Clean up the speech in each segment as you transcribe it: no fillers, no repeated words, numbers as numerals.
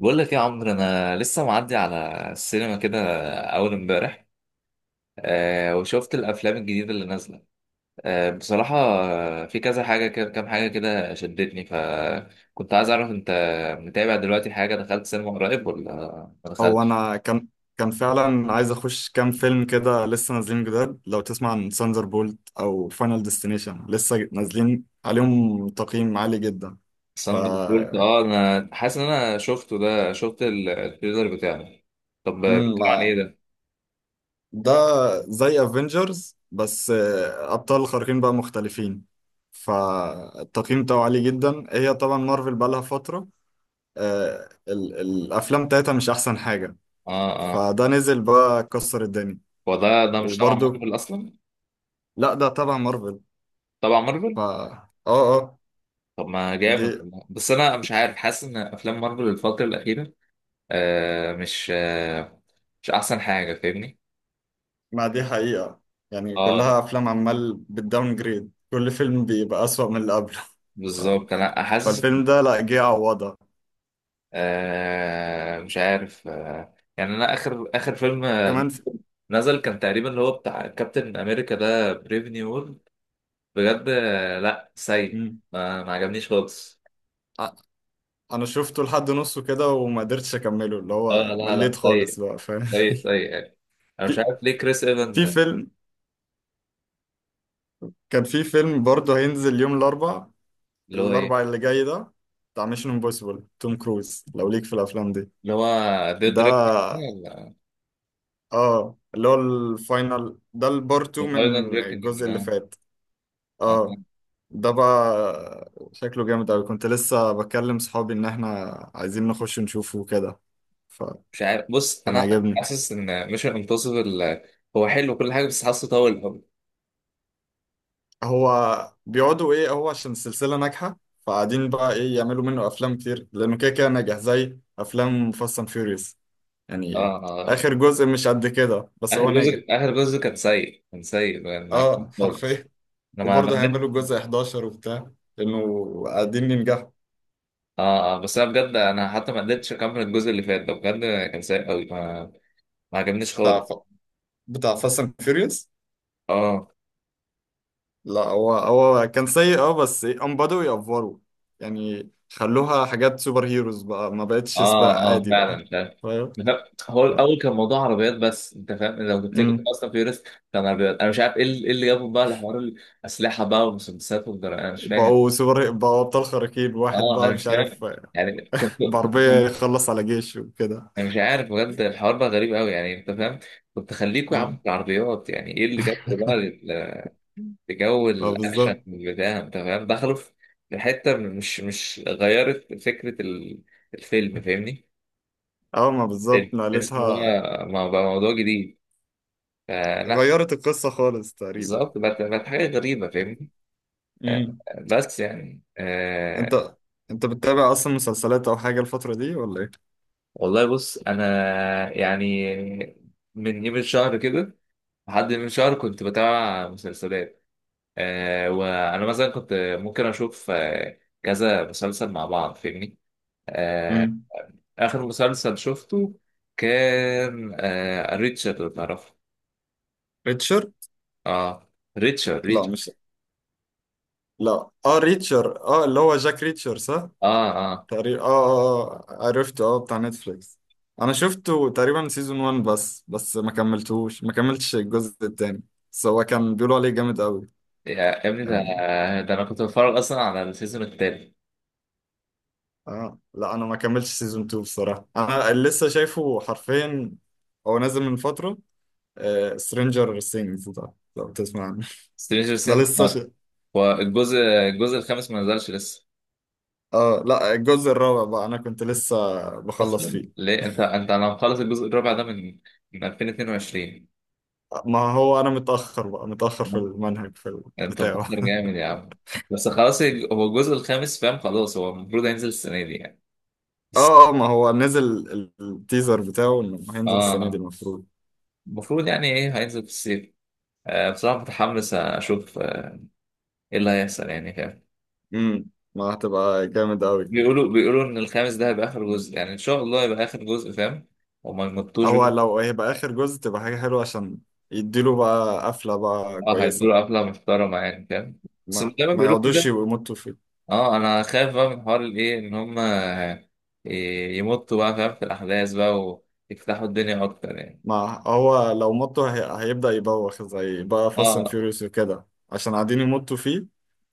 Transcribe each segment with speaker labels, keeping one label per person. Speaker 1: بقول لك يا عمرو انا لسه معدي على السينما كده اول امبارح. آه، وشفت الافلام الجديده اللي نازله. آه بصراحه، في كذا حاجه كده، كام حاجه كده شدتني، فكنت عايز اعرف انت متابع دلوقتي، حاجه دخلت سينما قريب ولا ما
Speaker 2: هو
Speaker 1: دخلتش؟
Speaker 2: انا كان فعلا عايز اخش كام فيلم كده لسه نازلين جداد. لو تسمع عن ساندر بولت او فاينل ديستنيشن لسه نازلين عليهم تقييم عالي جدا. ف
Speaker 1: ساندر بولت، اه انا حاسس ان انا شفته ده، شفت التريلر بتاعه. طب
Speaker 2: مم،
Speaker 1: بيتكلم عن ايه
Speaker 2: ما-
Speaker 1: ده؟
Speaker 2: ده زي افنجرز بس ابطال خارقين بقى مختلفين. فالتقييم بتاعه عالي جدا، هي طبعا مارفل بقى لها فترة الافلام بتاعتها مش احسن حاجة.
Speaker 1: اه اه.
Speaker 2: فده نزل بقى كسر الدنيا
Speaker 1: هو ده مش تبع
Speaker 2: وبرضه.
Speaker 1: مارفل اصلا؟
Speaker 2: لا ده تبع مارفل.
Speaker 1: تبع
Speaker 2: ف
Speaker 1: مارفل.
Speaker 2: اه اه
Speaker 1: طب ما
Speaker 2: دي
Speaker 1: جامد والله. بس انا مش عارف، حاسس ان افلام مارفل الفتره الاخيره مش مش احسن حاجه، فاهمني؟
Speaker 2: ما دي حقيقة، يعني
Speaker 1: اه
Speaker 2: كلها أفلام عمال بالداون جريد، كل فيلم بيبقى أسوأ من اللي قبله. ف-
Speaker 1: بالظبط انا حاسس.
Speaker 2: فالفيلم ده لا جه يعوضها.
Speaker 1: مش عارف، آه يعني انا اخر فيلم
Speaker 2: كمان في...
Speaker 1: نزل كان تقريبا اللي هو بتاع كابتن امريكا ده، بريف نيو وورلد. بجد آه، لا سيء.
Speaker 2: مم.
Speaker 1: ما عجبنيش خالص.
Speaker 2: أ- أنا شفته لحد نصه كده وما قدرتش أكمله، اللي
Speaker 1: اه
Speaker 2: هو
Speaker 1: لا
Speaker 2: مليت
Speaker 1: لا سيء،
Speaker 2: خالص بقى فاهم.
Speaker 1: سيء سيء يعني. انا مش
Speaker 2: في...
Speaker 1: عارف ليه كريس ايفنز
Speaker 2: في
Speaker 1: ده،
Speaker 2: فيلم كان في فيلم برضه هينزل يوم الأربع،
Speaker 1: اللي هو ايه
Speaker 2: الأربع اللي جاي ده، بتاع ميشن امبوسيبل توم كروز لو ليك في الأفلام دي.
Speaker 1: اللي هو ذا
Speaker 2: ده
Speaker 1: ديريكتنج ولا
Speaker 2: اه اللي هو الفاينل ده، البارتو
Speaker 1: ذا فاينل
Speaker 2: من
Speaker 1: ديريكتنج؟
Speaker 2: الجزء اللي فات. اه ده بقى شكله جامد أوي. كنت لسه بكلم صحابي إن احنا عايزين نخش نشوفه كده،
Speaker 1: مش
Speaker 2: فكان
Speaker 1: عارف. بص انا
Speaker 2: عاجبني.
Speaker 1: حاسس ان ميشن امبوسيبل هو حلو كل حاجه، بس حاسه طول قوي.
Speaker 2: هو بيقعدوا ايه، هو عشان السلسلة ناجحة فقاعدين بقى ايه يعملوا منه أفلام كتير، لأنه كده كده ناجح زي أفلام فاست أند فيوريوس
Speaker 1: اه
Speaker 2: يعني.
Speaker 1: آه.
Speaker 2: آخر جزء مش قد كده بس
Speaker 1: اخر
Speaker 2: هو ناجح.
Speaker 1: جزء، كان سيء، كان سيء. معاك
Speaker 2: اه
Speaker 1: خالص.
Speaker 2: حرفيا.
Speaker 1: انا ما
Speaker 2: وبرضه
Speaker 1: قدرت.
Speaker 2: هيعملوا جزء 11 وبتاع، لأنه قاعدين ينجحوا.
Speaker 1: اه آه، بس انا بجد، انا حتى ما قدرتش اكمل الجزء اللي فات ده بجد. كان سيء قوي، ما عجبنيش خالص.
Speaker 2: بتاع فاست اند فيوريوس،
Speaker 1: اه
Speaker 2: لا هو كان سيء اه، بس هم بدأوا يأفوروا يعني. خلوها حاجات سوبر هيروز بقى، ما بقتش
Speaker 1: اه.
Speaker 2: سباق
Speaker 1: اه
Speaker 2: عادي بقى
Speaker 1: فعلا فعلا.
Speaker 2: فاهم.
Speaker 1: لا، هو
Speaker 2: ف-
Speaker 1: الاول كان موضوع عربيات، بس انت فاهم لو تفتكر
Speaker 2: مم.
Speaker 1: اصلا فيوريوس كان عربيات. انا مش عارف ايه اللي إيه اللي جابهم بقى لحوار الاسلحه بقى والمسدسات والجرائم، انا مش فاهم.
Speaker 2: بقوا سوبر، بقوا أبطال خارقين واحد
Speaker 1: اه انا
Speaker 2: بقى
Speaker 1: مش
Speaker 2: مش
Speaker 1: عارف،
Speaker 2: عارف
Speaker 1: يعني كنت
Speaker 2: بعربية
Speaker 1: كنت
Speaker 2: يخلص على جيش وكده.
Speaker 1: انا مش عارف بجد، الحوار بقى غريب قوي يعني، انت فاهم؟ كنت خليكوا يا عم
Speaker 2: مم.
Speaker 1: في العربيات، يعني ايه اللي جابكوا بقى لجو
Speaker 2: ما
Speaker 1: الاكشن
Speaker 2: بالظبط.
Speaker 1: بتاع، انت فاهم، دخلوا في في حته مش غيرت فكره الفيلم، فاهمني؟
Speaker 2: اه ما بالظبط
Speaker 1: تحس ان هو
Speaker 2: نقلتها،
Speaker 1: بقى موضوع جديد، فلا.
Speaker 2: غيرت القصة خالص تقريبا.
Speaker 1: بالظبط، بقت حاجه غريبه، فاهمني؟ آه،
Speaker 2: مم.
Speaker 1: بس يعني آه،
Speaker 2: انت انت بتتابع اصلا مسلسلات او حاجة الفترة دي ولا ايه؟
Speaker 1: والله بص انا يعني من يوم الشهر كده، لحد من شهر كنت بتابع مسلسلات. آه وانا مثلا كنت ممكن اشوف آه كذا مسلسل مع بعض، فاهمني؟ آه
Speaker 2: مم.
Speaker 1: اخر مسلسل شفته كان آه ريتشارد، لو تعرفه.
Speaker 2: ريتشر؟
Speaker 1: اه ريتشارد، ريتشارد.
Speaker 2: لا مش لا اه ريتشر، اه اللي هو جاك ريتشر صح.
Speaker 1: اه اه.
Speaker 2: تقريبا اه اه، عرفته اه بتاع نتفليكس. انا شفته تقريبا سيزون 1 بس، ما كملتش الجزء التاني، بس هو كان بيقولوا عليه جامد قوي
Speaker 1: يا ابني ده،
Speaker 2: يعني.
Speaker 1: ده انا كنت بتفرج اصلا على السيزون التاني.
Speaker 2: اه لا انا ما كملتش سيزون 2 بصراحة. انا اللي لسه شايفه حرفيا، هو نازل من فترة، آه سترينجر سينجز ده لو تسمع عنه.
Speaker 1: سترينجر
Speaker 2: ده
Speaker 1: سينج،
Speaker 2: لسه ش...
Speaker 1: والجزء الخامس ما نزلش لسه؟
Speaker 2: اه لا الجزء الرابع بقى انا كنت لسه بخلص
Speaker 1: اصلا
Speaker 2: فيه.
Speaker 1: ليه انت انا مخلص الجزء الرابع ده من 2022.
Speaker 2: ما هو انا متاخر بقى، متاخر في المنهج في
Speaker 1: انت
Speaker 2: بتاعه.
Speaker 1: مقدر جامد يا عم. بس خلاص هو الجزء الخامس، فاهم؟ خلاص، هو المفروض هينزل السنه دي يعني، بس-
Speaker 2: اه اه ما هو نزل التيزر بتاعه انه هينزل السنه دي
Speaker 1: اه
Speaker 2: المفروض.
Speaker 1: المفروض. يعني ايه، هينزل في الصيف. آه بصراحه متحمس اشوف آه، ايه اللي هيحصل يعني، فاهم؟
Speaker 2: امم، ما هتبقى جامد قوي.
Speaker 1: بيقولوا ان الخامس ده هيبقى اخر جزء، يعني ان شاء الله هيبقى اخر جزء، فاهم؟ وما يمطوش
Speaker 2: هو
Speaker 1: بقى.
Speaker 2: لو هيبقى اخر جزء تبقى حاجه حلوه، عشان يديله بقى قفله بقى
Speaker 1: اه
Speaker 2: كويسه.
Speaker 1: هيدوا قفله محترمه يعني، فاهم؟ بس
Speaker 2: ما
Speaker 1: زي ما
Speaker 2: ما
Speaker 1: بيقولوا
Speaker 2: يقعدوش
Speaker 1: كده.
Speaker 2: يمطوا فيه.
Speaker 1: اه انا خايف بقى من حوار الايه، ان هم آه، يمطوا بقى، فاهم؟ في الاحداث بقى ويفتحوا الدنيا اكتر يعني.
Speaker 2: ما هو لو مطوا هيبدا يبوخ زي بقى فاست اند
Speaker 1: اه
Speaker 2: فيوريوس وكده، عشان قاعدين يمطوا فيه.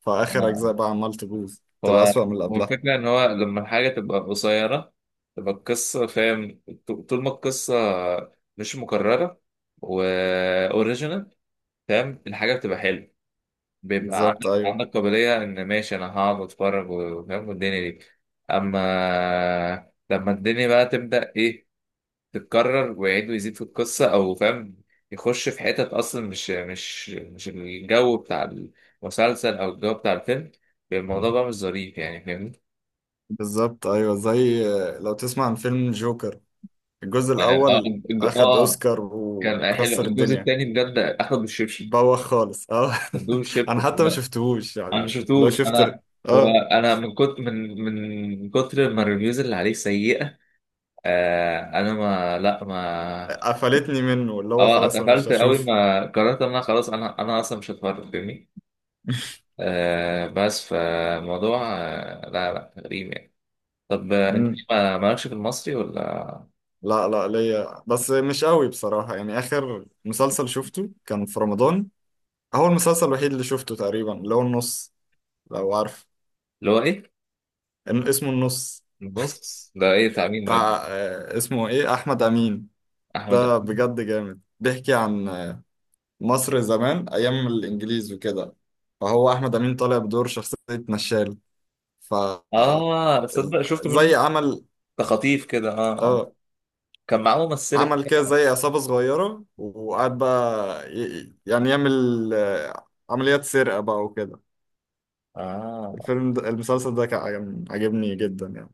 Speaker 2: فاخر
Speaker 1: آه.
Speaker 2: اجزاء بقى عمال تبوظ، تبقى
Speaker 1: هو
Speaker 2: اسوأ من اللي
Speaker 1: هو
Speaker 2: قبلها.
Speaker 1: الفكرة إن هو لما الحاجة تبقى قصيرة، تبقى القصة فاهم. طول ما القصة مش مكررة وأوريجينال، فاهم؟ الحاجة بتبقى حلوة، بيبقى
Speaker 2: بالظبط
Speaker 1: عندك
Speaker 2: ايوه.
Speaker 1: قابلية إن ماشي أنا هقعد وأتفرج، وفاهم والدنيا دي. أما لما الدنيا بقى تبدأ إيه، تتكرر ويعيد ويزيد في القصة، أو فاهم يخش في حتت أصلا مش مش الجو بتاع المسلسل أو الجو بتاع الفيلم، الموضوع بقى مش ظريف يعني، فاهمني؟
Speaker 2: بالظبط ايوه. زي لو تسمع عن فيلم جوكر الجزء
Speaker 1: اه
Speaker 2: الاول، اخد
Speaker 1: آه،
Speaker 2: اوسكار
Speaker 1: كان حلو.
Speaker 2: وكسر
Speaker 1: الجزء
Speaker 2: الدنيا.
Speaker 1: الثاني بجد اخد بالشبشب،
Speaker 2: بوخ خالص اه.
Speaker 1: مدوه
Speaker 2: انا
Speaker 1: الشبشب.
Speaker 2: حتى ما
Speaker 1: لا،
Speaker 2: شفتهوش
Speaker 1: انا ما
Speaker 2: يعني، اللي هو
Speaker 1: شفتوش
Speaker 2: شفت
Speaker 1: انا. هو
Speaker 2: اه
Speaker 1: انا من كتر من كتر ما الريفيوز اللي عليه سيئه، انا ما.
Speaker 2: قفلتني منه، اللي هو
Speaker 1: اه
Speaker 2: خلاص انا مش
Speaker 1: اتقفلت قوي،
Speaker 2: هشوف.
Speaker 1: ما قررت ان انا خلاص، انا اصلا مش هتفرج، فاهمني؟ آه بس فالموضوع آه لا لا غريب يعني. طب آه، انت
Speaker 2: مم.
Speaker 1: ما مالكش في المصري ولا؟
Speaker 2: لا ليا بس مش قوي بصراحة. يعني اخر مسلسل شفته كان في رمضان، هو المسلسل الوحيد اللي شفته تقريبا، اللي هو النص لو عارف.
Speaker 1: اللي هو ايه؟
Speaker 2: اسمه النص،
Speaker 1: النص ده ايه، بتاع مين ده؟
Speaker 2: بتاع اسمه ايه، احمد امين.
Speaker 1: احمد
Speaker 2: ده
Speaker 1: أمين؟
Speaker 2: بجد جامد، بيحكي عن مصر زمان أيام الإنجليز وكده. فهو أحمد أمين طالع بدور شخصية نشال، ف
Speaker 1: اه تصدق شفت
Speaker 2: زي
Speaker 1: منه،
Speaker 2: عمل
Speaker 1: ده خطيف كده. اه اه.
Speaker 2: اه
Speaker 1: كان معاه ممثلة
Speaker 2: عمل كده
Speaker 1: كده.
Speaker 2: زي عصابة صغيرة، وقعد بقى يعني يعمل عمليات سرقة بقى وكده.
Speaker 1: اه
Speaker 2: الفيلم ده، المسلسل ده كان عجبني جدا يعني.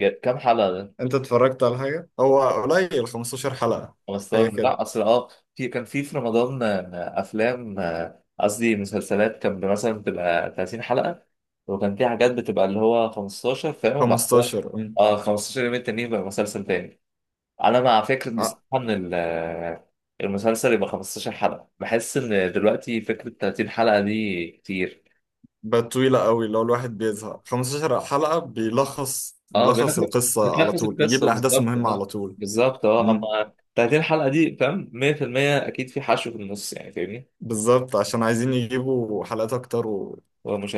Speaker 1: كام حلقة ده؟
Speaker 2: أنت اتفرجت على حاجة؟ هو قليل، 15 حلقة حاجة
Speaker 1: 15؟
Speaker 2: كده.
Speaker 1: لا اصل اه في كان في في رمضان آه، افلام آه، قصدي مسلسلات كان مثلا بتبقى 30 حلقة، وكان في حاجات بتبقى اللي هو 15، فاهم؟ وبعد كده
Speaker 2: 15 أم.
Speaker 1: اه 15 يوم التانيين بقى مسلسل تاني. انا مع فكرة بصراحة
Speaker 2: آه،
Speaker 1: ان آه، المسلسل يبقى 15 حلقة، بحس ان دلوقتي فكرة 30 حلقة دي كتير.
Speaker 2: بقت طويلة قوي. لو الواحد بيزهق، 15 حلقة بيلخص
Speaker 1: اه
Speaker 2: بيلخص
Speaker 1: بنخلص،
Speaker 2: القصة على
Speaker 1: بتلخص
Speaker 2: طول، بيجيب
Speaker 1: القصه
Speaker 2: الأحداث
Speaker 1: بالظبط،
Speaker 2: المهمة
Speaker 1: اه
Speaker 2: على طول.
Speaker 1: بالظبط. اه
Speaker 2: امم،
Speaker 1: اما 30 حلقه دي فاهم 100% اكيد في حشو في النص، يعني فاهمني؟
Speaker 2: بالظبط، عشان عايزين يجيبوا حلقات أكتر و...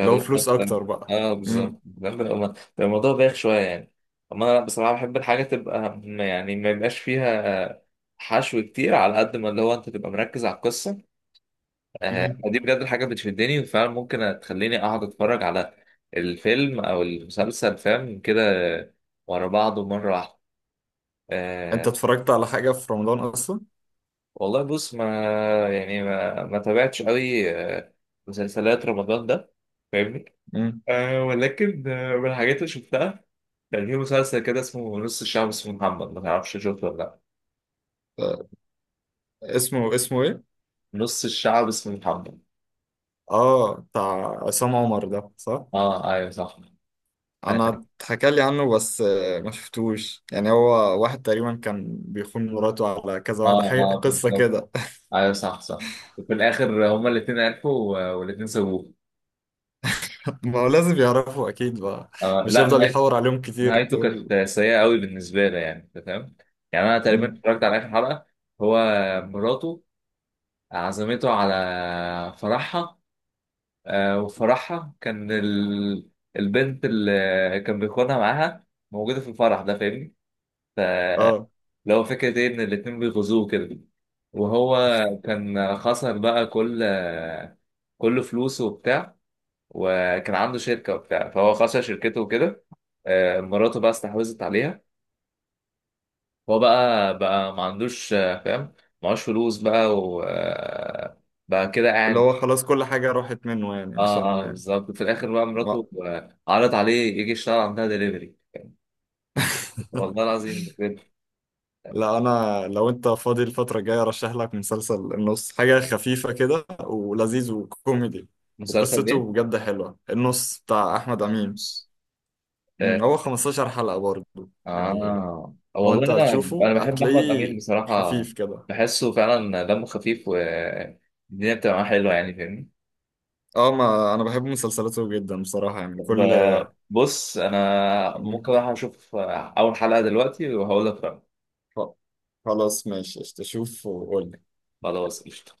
Speaker 2: اللي هو فلوس
Speaker 1: اكتر.
Speaker 2: أكتر بقى.
Speaker 1: اه
Speaker 2: امم.
Speaker 1: بالظبط، فاهم؟ بيبقى الموضوع بايخ شويه يعني. اما انا بصراحه بحب الحاجه تبقى يعني ما يبقاش فيها حشو كتير، على قد ما اللي هو انت تبقى مركز على القصه. آه
Speaker 2: امم،
Speaker 1: دي بجد الحاجه بتشدني، وفعلا ممكن تخليني اقعد اتفرج على الفيلم او المسلسل فاهم كده، ورا بعضه مره واحده.
Speaker 2: أنت
Speaker 1: آه،
Speaker 2: اتفرجت على حاجة في رمضان أصلا؟
Speaker 1: والله بص ما يعني ما تابعتش قوي آه، مسلسلات رمضان ده، فاهمني؟
Speaker 2: امم.
Speaker 1: أه ولكن آه، من الحاجات اللي شفتها، كان في مسلسل كده اسمه نص الشعب اسمه محمد، ما تعرفش شفته ولا لا؟
Speaker 2: آه، اسمه إيه؟
Speaker 1: نص الشعب اسمه محمد.
Speaker 2: آه بتاع عصام عمر ده صح؟
Speaker 1: اه ايوه صح. اه
Speaker 2: أنا اتحكى لي عنه بس ما شفتوش يعني. هو واحد تقريبا كان بيخون مراته على كذا واحدة،
Speaker 1: اه
Speaker 2: حاجة
Speaker 1: آه،
Speaker 2: قصة
Speaker 1: بالظبط.
Speaker 2: كده.
Speaker 1: ايوه صح صح، وفي الاخر هما الاثنين عرفوا والاثنين سابوه.
Speaker 2: ما هو لازم يعرفوا اكيد بقى،
Speaker 1: آه
Speaker 2: مش
Speaker 1: لا
Speaker 2: هيفضل يحور عليهم كتير
Speaker 1: نهايته كانت
Speaker 2: تقول.
Speaker 1: سيئة قوي بالنسبة لي، يعني انت فاهم؟ يعني انا تقريبا
Speaker 2: مم.
Speaker 1: اتفرجت على اخر حلقة. هو مراته عزمته على فرحها، آه، وفرحها كان ال... البنت اللي كان بيخونها معاها موجودة في الفرح ده، فاهمني؟
Speaker 2: اه
Speaker 1: فاللي هو فكرة ايه، ان الاتنين بيغزوه كده، وهو كان خسر بقى كل فلوسه وبتاع، وكان عنده شركة وبتاع، فهو خسر شركته وكده. آه، مراته بقى استحوذت عليها. هو بقى ما عندوش آه، فاهم، معهوش فلوس بقى و آه، بقى كده
Speaker 2: اللي
Speaker 1: قاعد.
Speaker 2: هو خلاص كل حاجة راحت منه يعني
Speaker 1: اه اه
Speaker 2: عشان.
Speaker 1: بالظبط. في الاخر بقى
Speaker 2: ما
Speaker 1: مراته آه، عرض عليه يجي يشتغل عندها دليفري. والله العظيم بجد.
Speaker 2: لا انا، لو انت فاضي الفترة الجاية ارشح لك مسلسل النص، حاجة خفيفة كده ولذيذ وكوميدي،
Speaker 1: مسلسل ايه؟
Speaker 2: وقصته بجد حلوة، النص بتاع احمد امين.
Speaker 1: آه,
Speaker 2: هو 15 حلقة برضه يعني.
Speaker 1: اه
Speaker 2: هو
Speaker 1: والله
Speaker 2: انت
Speaker 1: انا
Speaker 2: هتشوفه
Speaker 1: بحب احمد امين
Speaker 2: هتلاقيه
Speaker 1: بصراحه،
Speaker 2: خفيف كده.
Speaker 1: بحسه فعلا دمه خفيف والدنيا بتبقى معاه حلوه يعني، فاهمني؟
Speaker 2: اه ما انا بحب مسلسلاته جدا بصراحة يعني كل.
Speaker 1: بص انا ممكن اروح اشوف اول حلقه دلوقتي وهقول لك رأيي.
Speaker 2: خ- خلاص ماشي قشطة. شوف وقول.
Speaker 1: خلاص قشطة.